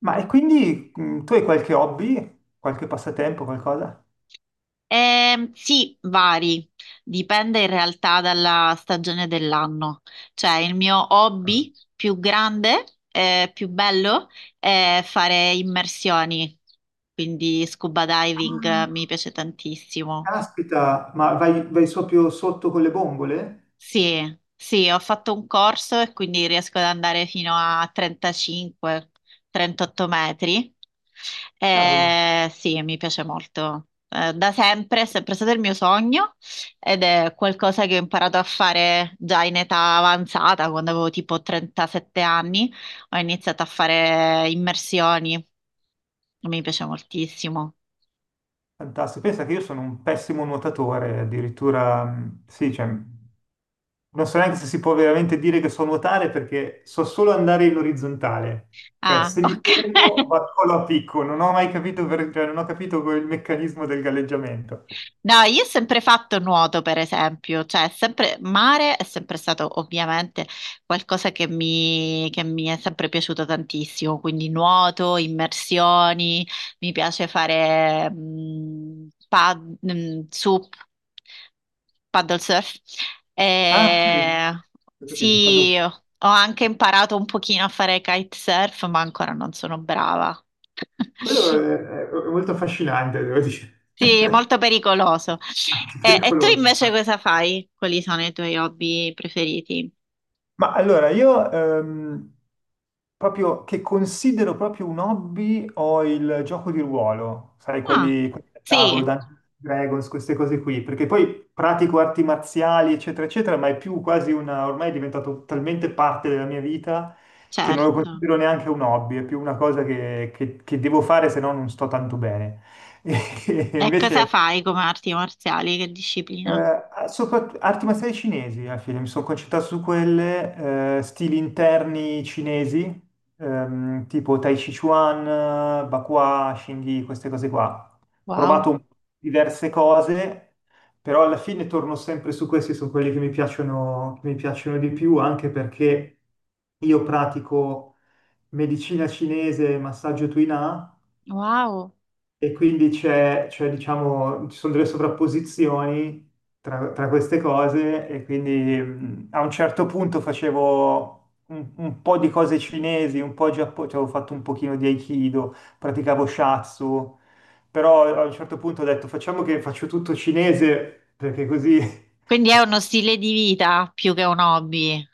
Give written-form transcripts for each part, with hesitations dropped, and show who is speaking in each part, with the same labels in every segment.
Speaker 1: Ma e quindi tu hai qualche hobby, qualche passatempo, qualcosa?
Speaker 2: Sì, vari, dipende in realtà dalla stagione dell'anno. Cioè, il mio hobby più grande, più bello, è fare immersioni, quindi scuba diving, mi piace tantissimo.
Speaker 1: Caspita, ma vai proprio sotto con le bombole?
Speaker 2: Sì, sì, ho fatto un corso e quindi riesco ad andare fino a 35-38 metri.
Speaker 1: Cavolo.
Speaker 2: Sì, mi piace molto. Da sempre, è sempre stato il mio sogno ed è qualcosa che ho imparato a fare già in età avanzata, quando avevo tipo 37 anni, ho iniziato a fare immersioni. Mi piace moltissimo.
Speaker 1: Fantastico. Pensa che io sono un pessimo nuotatore, addirittura, sì, cioè, non so neanche se si può veramente dire che so nuotare perché so solo andare in orizzontale. Cioè,
Speaker 2: Ah,
Speaker 1: se mi
Speaker 2: ok.
Speaker 1: fermo, vado solo a picco, non ho mai capito, cioè, non ho capito quel meccanismo del galleggiamento.
Speaker 2: No, io ho sempre fatto nuoto, per esempio, cioè sempre mare è sempre stato ovviamente qualcosa che mi è sempre piaciuto tantissimo, quindi nuoto, immersioni, mi piace fare paddle surf.
Speaker 1: Ah, ok.
Speaker 2: Eh,
Speaker 1: Ho capito, padel-
Speaker 2: sì, ho anche imparato un pochino a fare kitesurf, ma ancora non sono brava.
Speaker 1: Quello è molto affascinante, devo dire.
Speaker 2: Sì, è molto pericoloso.
Speaker 1: Anche
Speaker 2: E tu
Speaker 1: pericoloso,
Speaker 2: invece
Speaker 1: infatti.
Speaker 2: cosa fai? Quali sono i tuoi hobby preferiti?
Speaker 1: Ma allora, io proprio che considero proprio un hobby ho il gioco di ruolo, sai,
Speaker 2: Ah,
Speaker 1: quelli da tavolo,
Speaker 2: sì,
Speaker 1: Dungeons and Dragons, queste cose qui, perché poi pratico arti marziali, eccetera, eccetera, ma è più quasi una, ormai è diventato talmente parte della mia vita che non lo
Speaker 2: certo.
Speaker 1: considero neanche un hobby, è più una cosa che che devo fare, se no non sto tanto bene. E
Speaker 2: E cosa
Speaker 1: invece
Speaker 2: fai come arti marziali? Che disciplina?
Speaker 1: Arti marziali cinesi alla fine, mi sono concentrato su quelle, stili interni cinesi, tipo Tai Chi Chuan, Bakua, Xingyi, queste cose qua. Ho
Speaker 2: Wow,
Speaker 1: provato un- diverse cose, però alla fine torno sempre su questi, sono quelli che mi piacciono di più, anche perché io pratico medicina cinese e massaggio Tuina
Speaker 2: wow.
Speaker 1: e quindi c'è, diciamo, ci sono delle sovrapposizioni tra queste cose e quindi a un certo punto facevo un po' di cose cinesi, un po' giapponese, cioè, avevo fatto un pochino di Aikido, praticavo Shatsu, però a un certo punto ho detto facciamo che faccio tutto cinese perché così
Speaker 2: Quindi è uno stile di vita più che un hobby.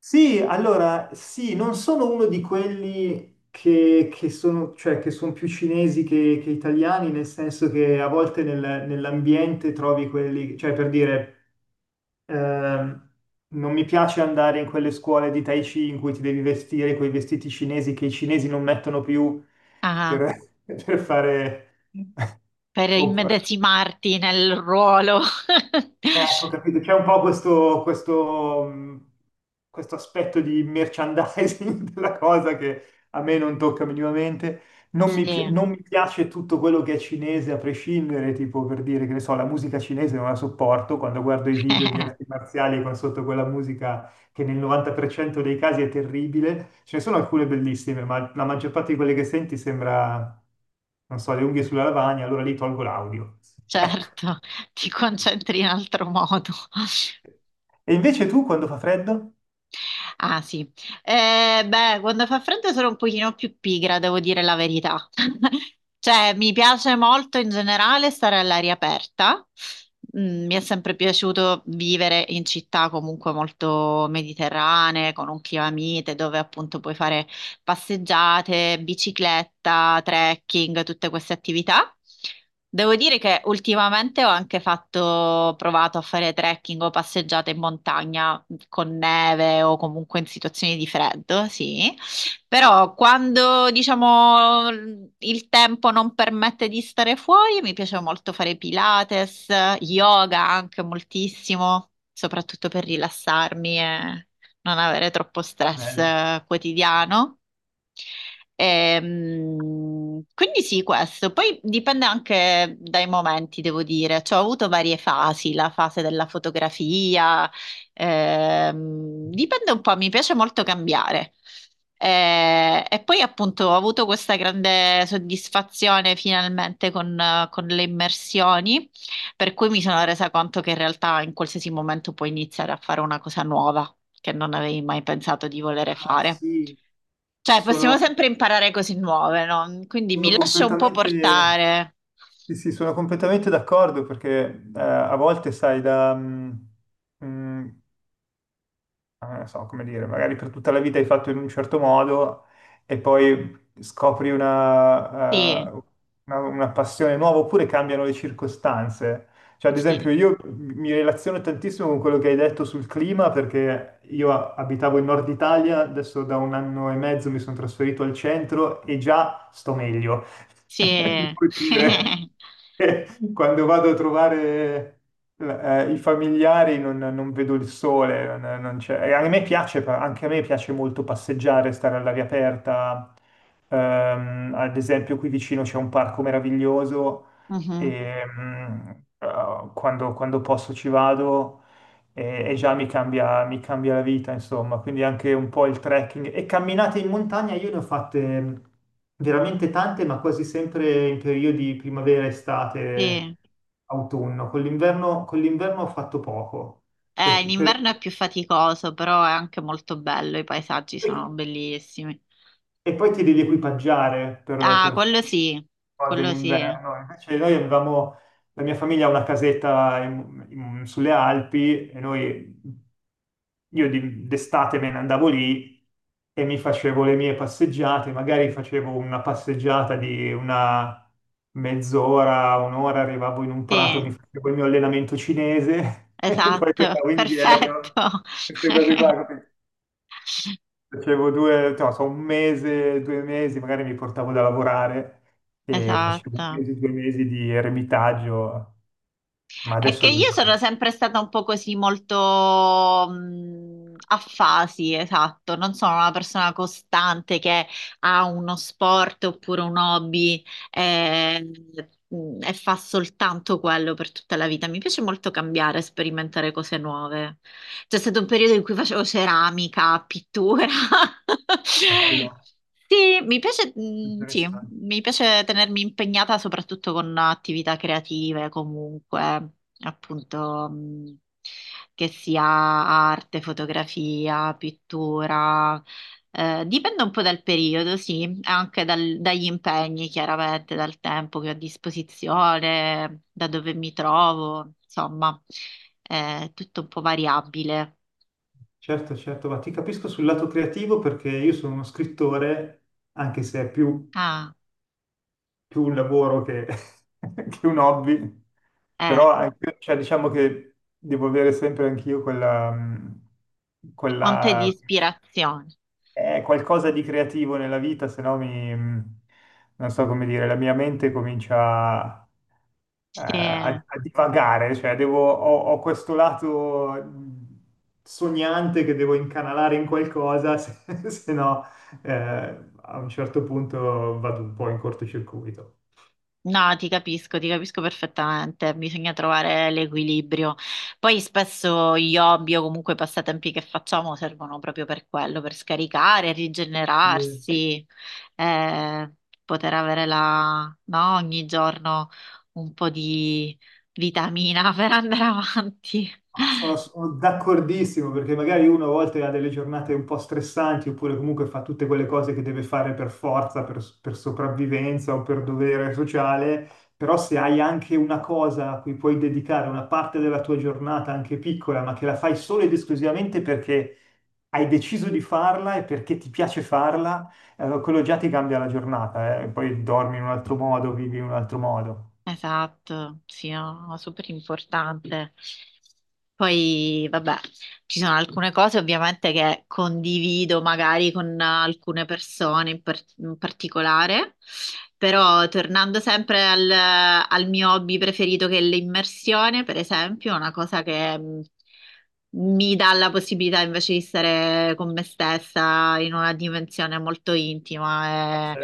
Speaker 1: Sì, allora, sì, non sono uno di quelli che sono, cioè, che sono più cinesi che italiani, nel senso che a volte nell'ambiente trovi quelli, cioè per dire, ehm, non mi piace andare in quelle scuole di Tai Chi in cui ti devi vestire quei vestiti cinesi che i cinesi non mettono più
Speaker 2: Ah,
Speaker 1: per, per fare,
Speaker 2: per
Speaker 1: o-
Speaker 2: immedesimarti nel ruolo.
Speaker 1: Ecco, capito, c'è un po' questo, questo aspetto di merchandising della cosa che a me non tocca minimamente.
Speaker 2: Sì,
Speaker 1: Non mi piace tutto quello che è cinese a prescindere, tipo per dire che ne so, la musica cinese non la sopporto quando guardo i video di arti marziali con sotto quella musica che nel 90% dei casi è terribile. Ce ne sono alcune bellissime, ma la maggior parte di quelle che senti sembra, non so, le unghie sulla lavagna, allora lì tolgo l'audio. Ecco.
Speaker 2: certo, ti concentri in altro modo.
Speaker 1: E invece tu quando fa freddo?
Speaker 2: Ah, sì. Beh, quando fa freddo sono un pochino più pigra, devo dire la verità. Cioè, mi piace molto in generale stare all'aria aperta. Mm, mi è sempre piaciuto vivere in città comunque molto mediterranee, con un clima mite, dove appunto puoi fare passeggiate, bicicletta, trekking, tutte queste attività. Devo dire che ultimamente ho anche fatto, provato a fare trekking o passeggiate in montagna con neve o comunque in situazioni di freddo, sì. Però quando, diciamo, il tempo non permette di stare fuori, mi piace molto fare Pilates, yoga anche moltissimo, soprattutto per rilassarmi e non avere troppo
Speaker 1: Ah,
Speaker 2: stress
Speaker 1: bello.
Speaker 2: quotidiano. Quindi sì, questo. Poi dipende anche dai momenti, devo dire. Cioè, ho avuto varie fasi, la fase della fotografia. Dipende un po', mi piace molto cambiare. E poi appunto ho avuto questa grande soddisfazione finalmente con, con le immersioni, per cui mi sono resa conto che in realtà in qualsiasi momento puoi iniziare a fare una cosa nuova che non avevi mai pensato di volere
Speaker 1: Ah,
Speaker 2: fare.
Speaker 1: sì,
Speaker 2: Cioè, possiamo
Speaker 1: sono,
Speaker 2: sempre imparare cose nuove, no? Quindi
Speaker 1: sono
Speaker 2: mi lascio un po'
Speaker 1: completamente,
Speaker 2: portare.
Speaker 1: sì, sì, sono completamente d'accordo perché a volte, sai, mm, non so come dire, magari per tutta la vita hai fatto in un certo modo e poi scopri
Speaker 2: Sì,
Speaker 1: una passione nuova oppure cambiano le circostanze. Cioè, ad esempio,
Speaker 2: sì,
Speaker 1: io mi relaziono tantissimo con quello che hai detto sul clima perché io abitavo in Nord Italia, adesso da un anno e mezzo mi sono trasferito al centro e già sto meglio.
Speaker 2: sì.
Speaker 1: Devo dire che quando vado a trovare i familiari non vedo il sole, non c'è. E a me piace, anche a me piace molto passeggiare, stare all'aria aperta. Ad esempio, qui vicino c'è un parco meraviglioso
Speaker 2: Mhm,
Speaker 1: e quando posso ci vado e già mi mi cambia la vita, insomma, quindi anche un po' il trekking. E camminate in montagna io ne ho fatte veramente tante, ma quasi sempre in periodi primavera,
Speaker 2: sì.
Speaker 1: estate, autunno. Con l'inverno ho fatto poco,
Speaker 2: In
Speaker 1: per, per-
Speaker 2: inverno è più faticoso, però è anche molto bello, i paesaggi sono bellissimi.
Speaker 1: e poi ti devi equipaggiare
Speaker 2: Ah,
Speaker 1: per
Speaker 2: quello
Speaker 1: fare
Speaker 2: sì,
Speaker 1: cose in
Speaker 2: quello sì.
Speaker 1: inverno. Invece la mia famiglia ha una casetta sulle Alpi e noi, io d'estate me ne andavo lì e mi facevo le mie passeggiate, magari facevo una passeggiata di una mezz'ora, un'ora, arrivavo in un prato, mi
Speaker 2: Sì,
Speaker 1: facevo il mio allenamento cinese e poi
Speaker 2: esatto,
Speaker 1: tornavo indietro.
Speaker 2: perfetto.
Speaker 1: Queste cose qua. Capito? Facevo due, no, so, un mese, due mesi, magari mi portavo da lavorare e facevo un
Speaker 2: Esatto.
Speaker 1: mese, due mesi di eremitaggio, ma
Speaker 2: È
Speaker 1: adesso
Speaker 2: che
Speaker 1: è
Speaker 2: io sono
Speaker 1: lontano.
Speaker 2: sempre stata un po' così molto a fasi, esatto, non sono una persona costante che ha uno sport oppure un hobby, eh, e fa soltanto quello per tutta la vita. Mi piace molto cambiare, sperimentare cose nuove. C'è stato un periodo in cui facevo ceramica, pittura.
Speaker 1: Bello,
Speaker 2: Sì, mi piace, mm, sì,
Speaker 1: interessante.
Speaker 2: mi piace tenermi impegnata soprattutto con attività creative. Comunque appunto, che sia arte, fotografia, pittura, dipende un po' dal periodo, sì, anche dal- dagli impegni, chiaramente, dal tempo che ho a disposizione, da dove mi trovo, insomma, è tutto un po' variabile.
Speaker 1: Certo, certo, ma ti capisco sul lato creativo perché io sono uno scrittore, anche se è più,
Speaker 2: Ah,
Speaker 1: più un lavoro che, che un hobby, però
Speaker 2: ecco,
Speaker 1: cioè, diciamo che devo avere sempre anch'io quella,
Speaker 2: fonte di
Speaker 1: quella
Speaker 2: ispirazione.
Speaker 1: qualcosa di creativo nella vita, se no mi, non so come dire, la mia mente comincia
Speaker 2: Sì.
Speaker 1: a divagare, cioè ho questo lato sognante che devo incanalare in qualcosa, se no eh, a un certo punto vado un po' in cortocircuito.
Speaker 2: No, ti capisco perfettamente, bisogna trovare l'equilibrio. Poi spesso gli hobby o comunque i passatempi che facciamo servono proprio per quello, per scaricare, rigenerarsi, eh, poter avere no, ogni giorno un po' di vitamina per andare avanti.
Speaker 1: Ah, sono, sono d'accordissimo perché magari uno a volte ha delle giornate un po' stressanti oppure comunque fa tutte quelle cose che deve fare per forza, per sopravvivenza o per dovere sociale, però se hai anche una cosa a cui puoi dedicare una parte della tua giornata, anche piccola, ma che la fai solo ed esclusivamente perché hai deciso di farla e perché ti piace farla, allora quello già ti cambia la giornata, eh. Poi dormi in un altro modo, vivi in un altro modo.
Speaker 2: Esatto, sì, no, no, super importante. Poi, vabbè, ci sono alcune cose ovviamente che condivido magari con alcune persone in particolare, però tornando sempre al mio hobby preferito che è l'immersione, per esempio, è una cosa che mi dà la possibilità invece di stare con me stessa in una dimensione molto intima e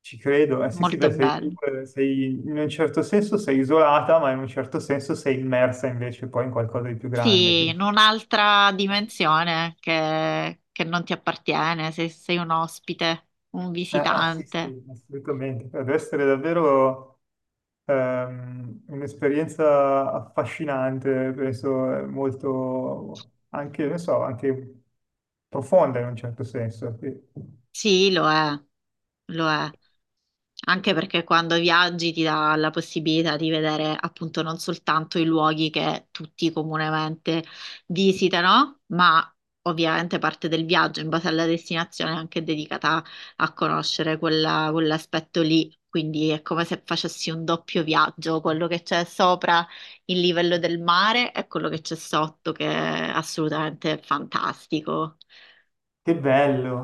Speaker 1: Ci credo, sì, sì,
Speaker 2: molto
Speaker 1: beh, sei,
Speaker 2: bella.
Speaker 1: tu, in un certo senso sei isolata, ma in un certo senso sei immersa invece poi in qualcosa di più grande.
Speaker 2: Sì,
Speaker 1: Quindi-
Speaker 2: in un'altra dimensione che non ti appartiene, se sei un ospite, un
Speaker 1: ah, sì,
Speaker 2: visitante.
Speaker 1: sì, assolutamente. Cioè, deve essere davvero un'esperienza affascinante, penso molto anche, non so, anche profonda in un certo senso. Sì.
Speaker 2: Sì, lo è, lo è. Anche perché quando viaggi ti dà la possibilità di vedere appunto non soltanto i luoghi che tutti comunemente visitano, ma ovviamente parte del viaggio in base alla destinazione è anche dedicata a conoscere quella- quell'aspetto lì. Quindi è come se facessi un doppio viaggio, quello che c'è sopra il livello del mare e quello che c'è sotto, che è assolutamente fantastico.
Speaker 1: Che bello.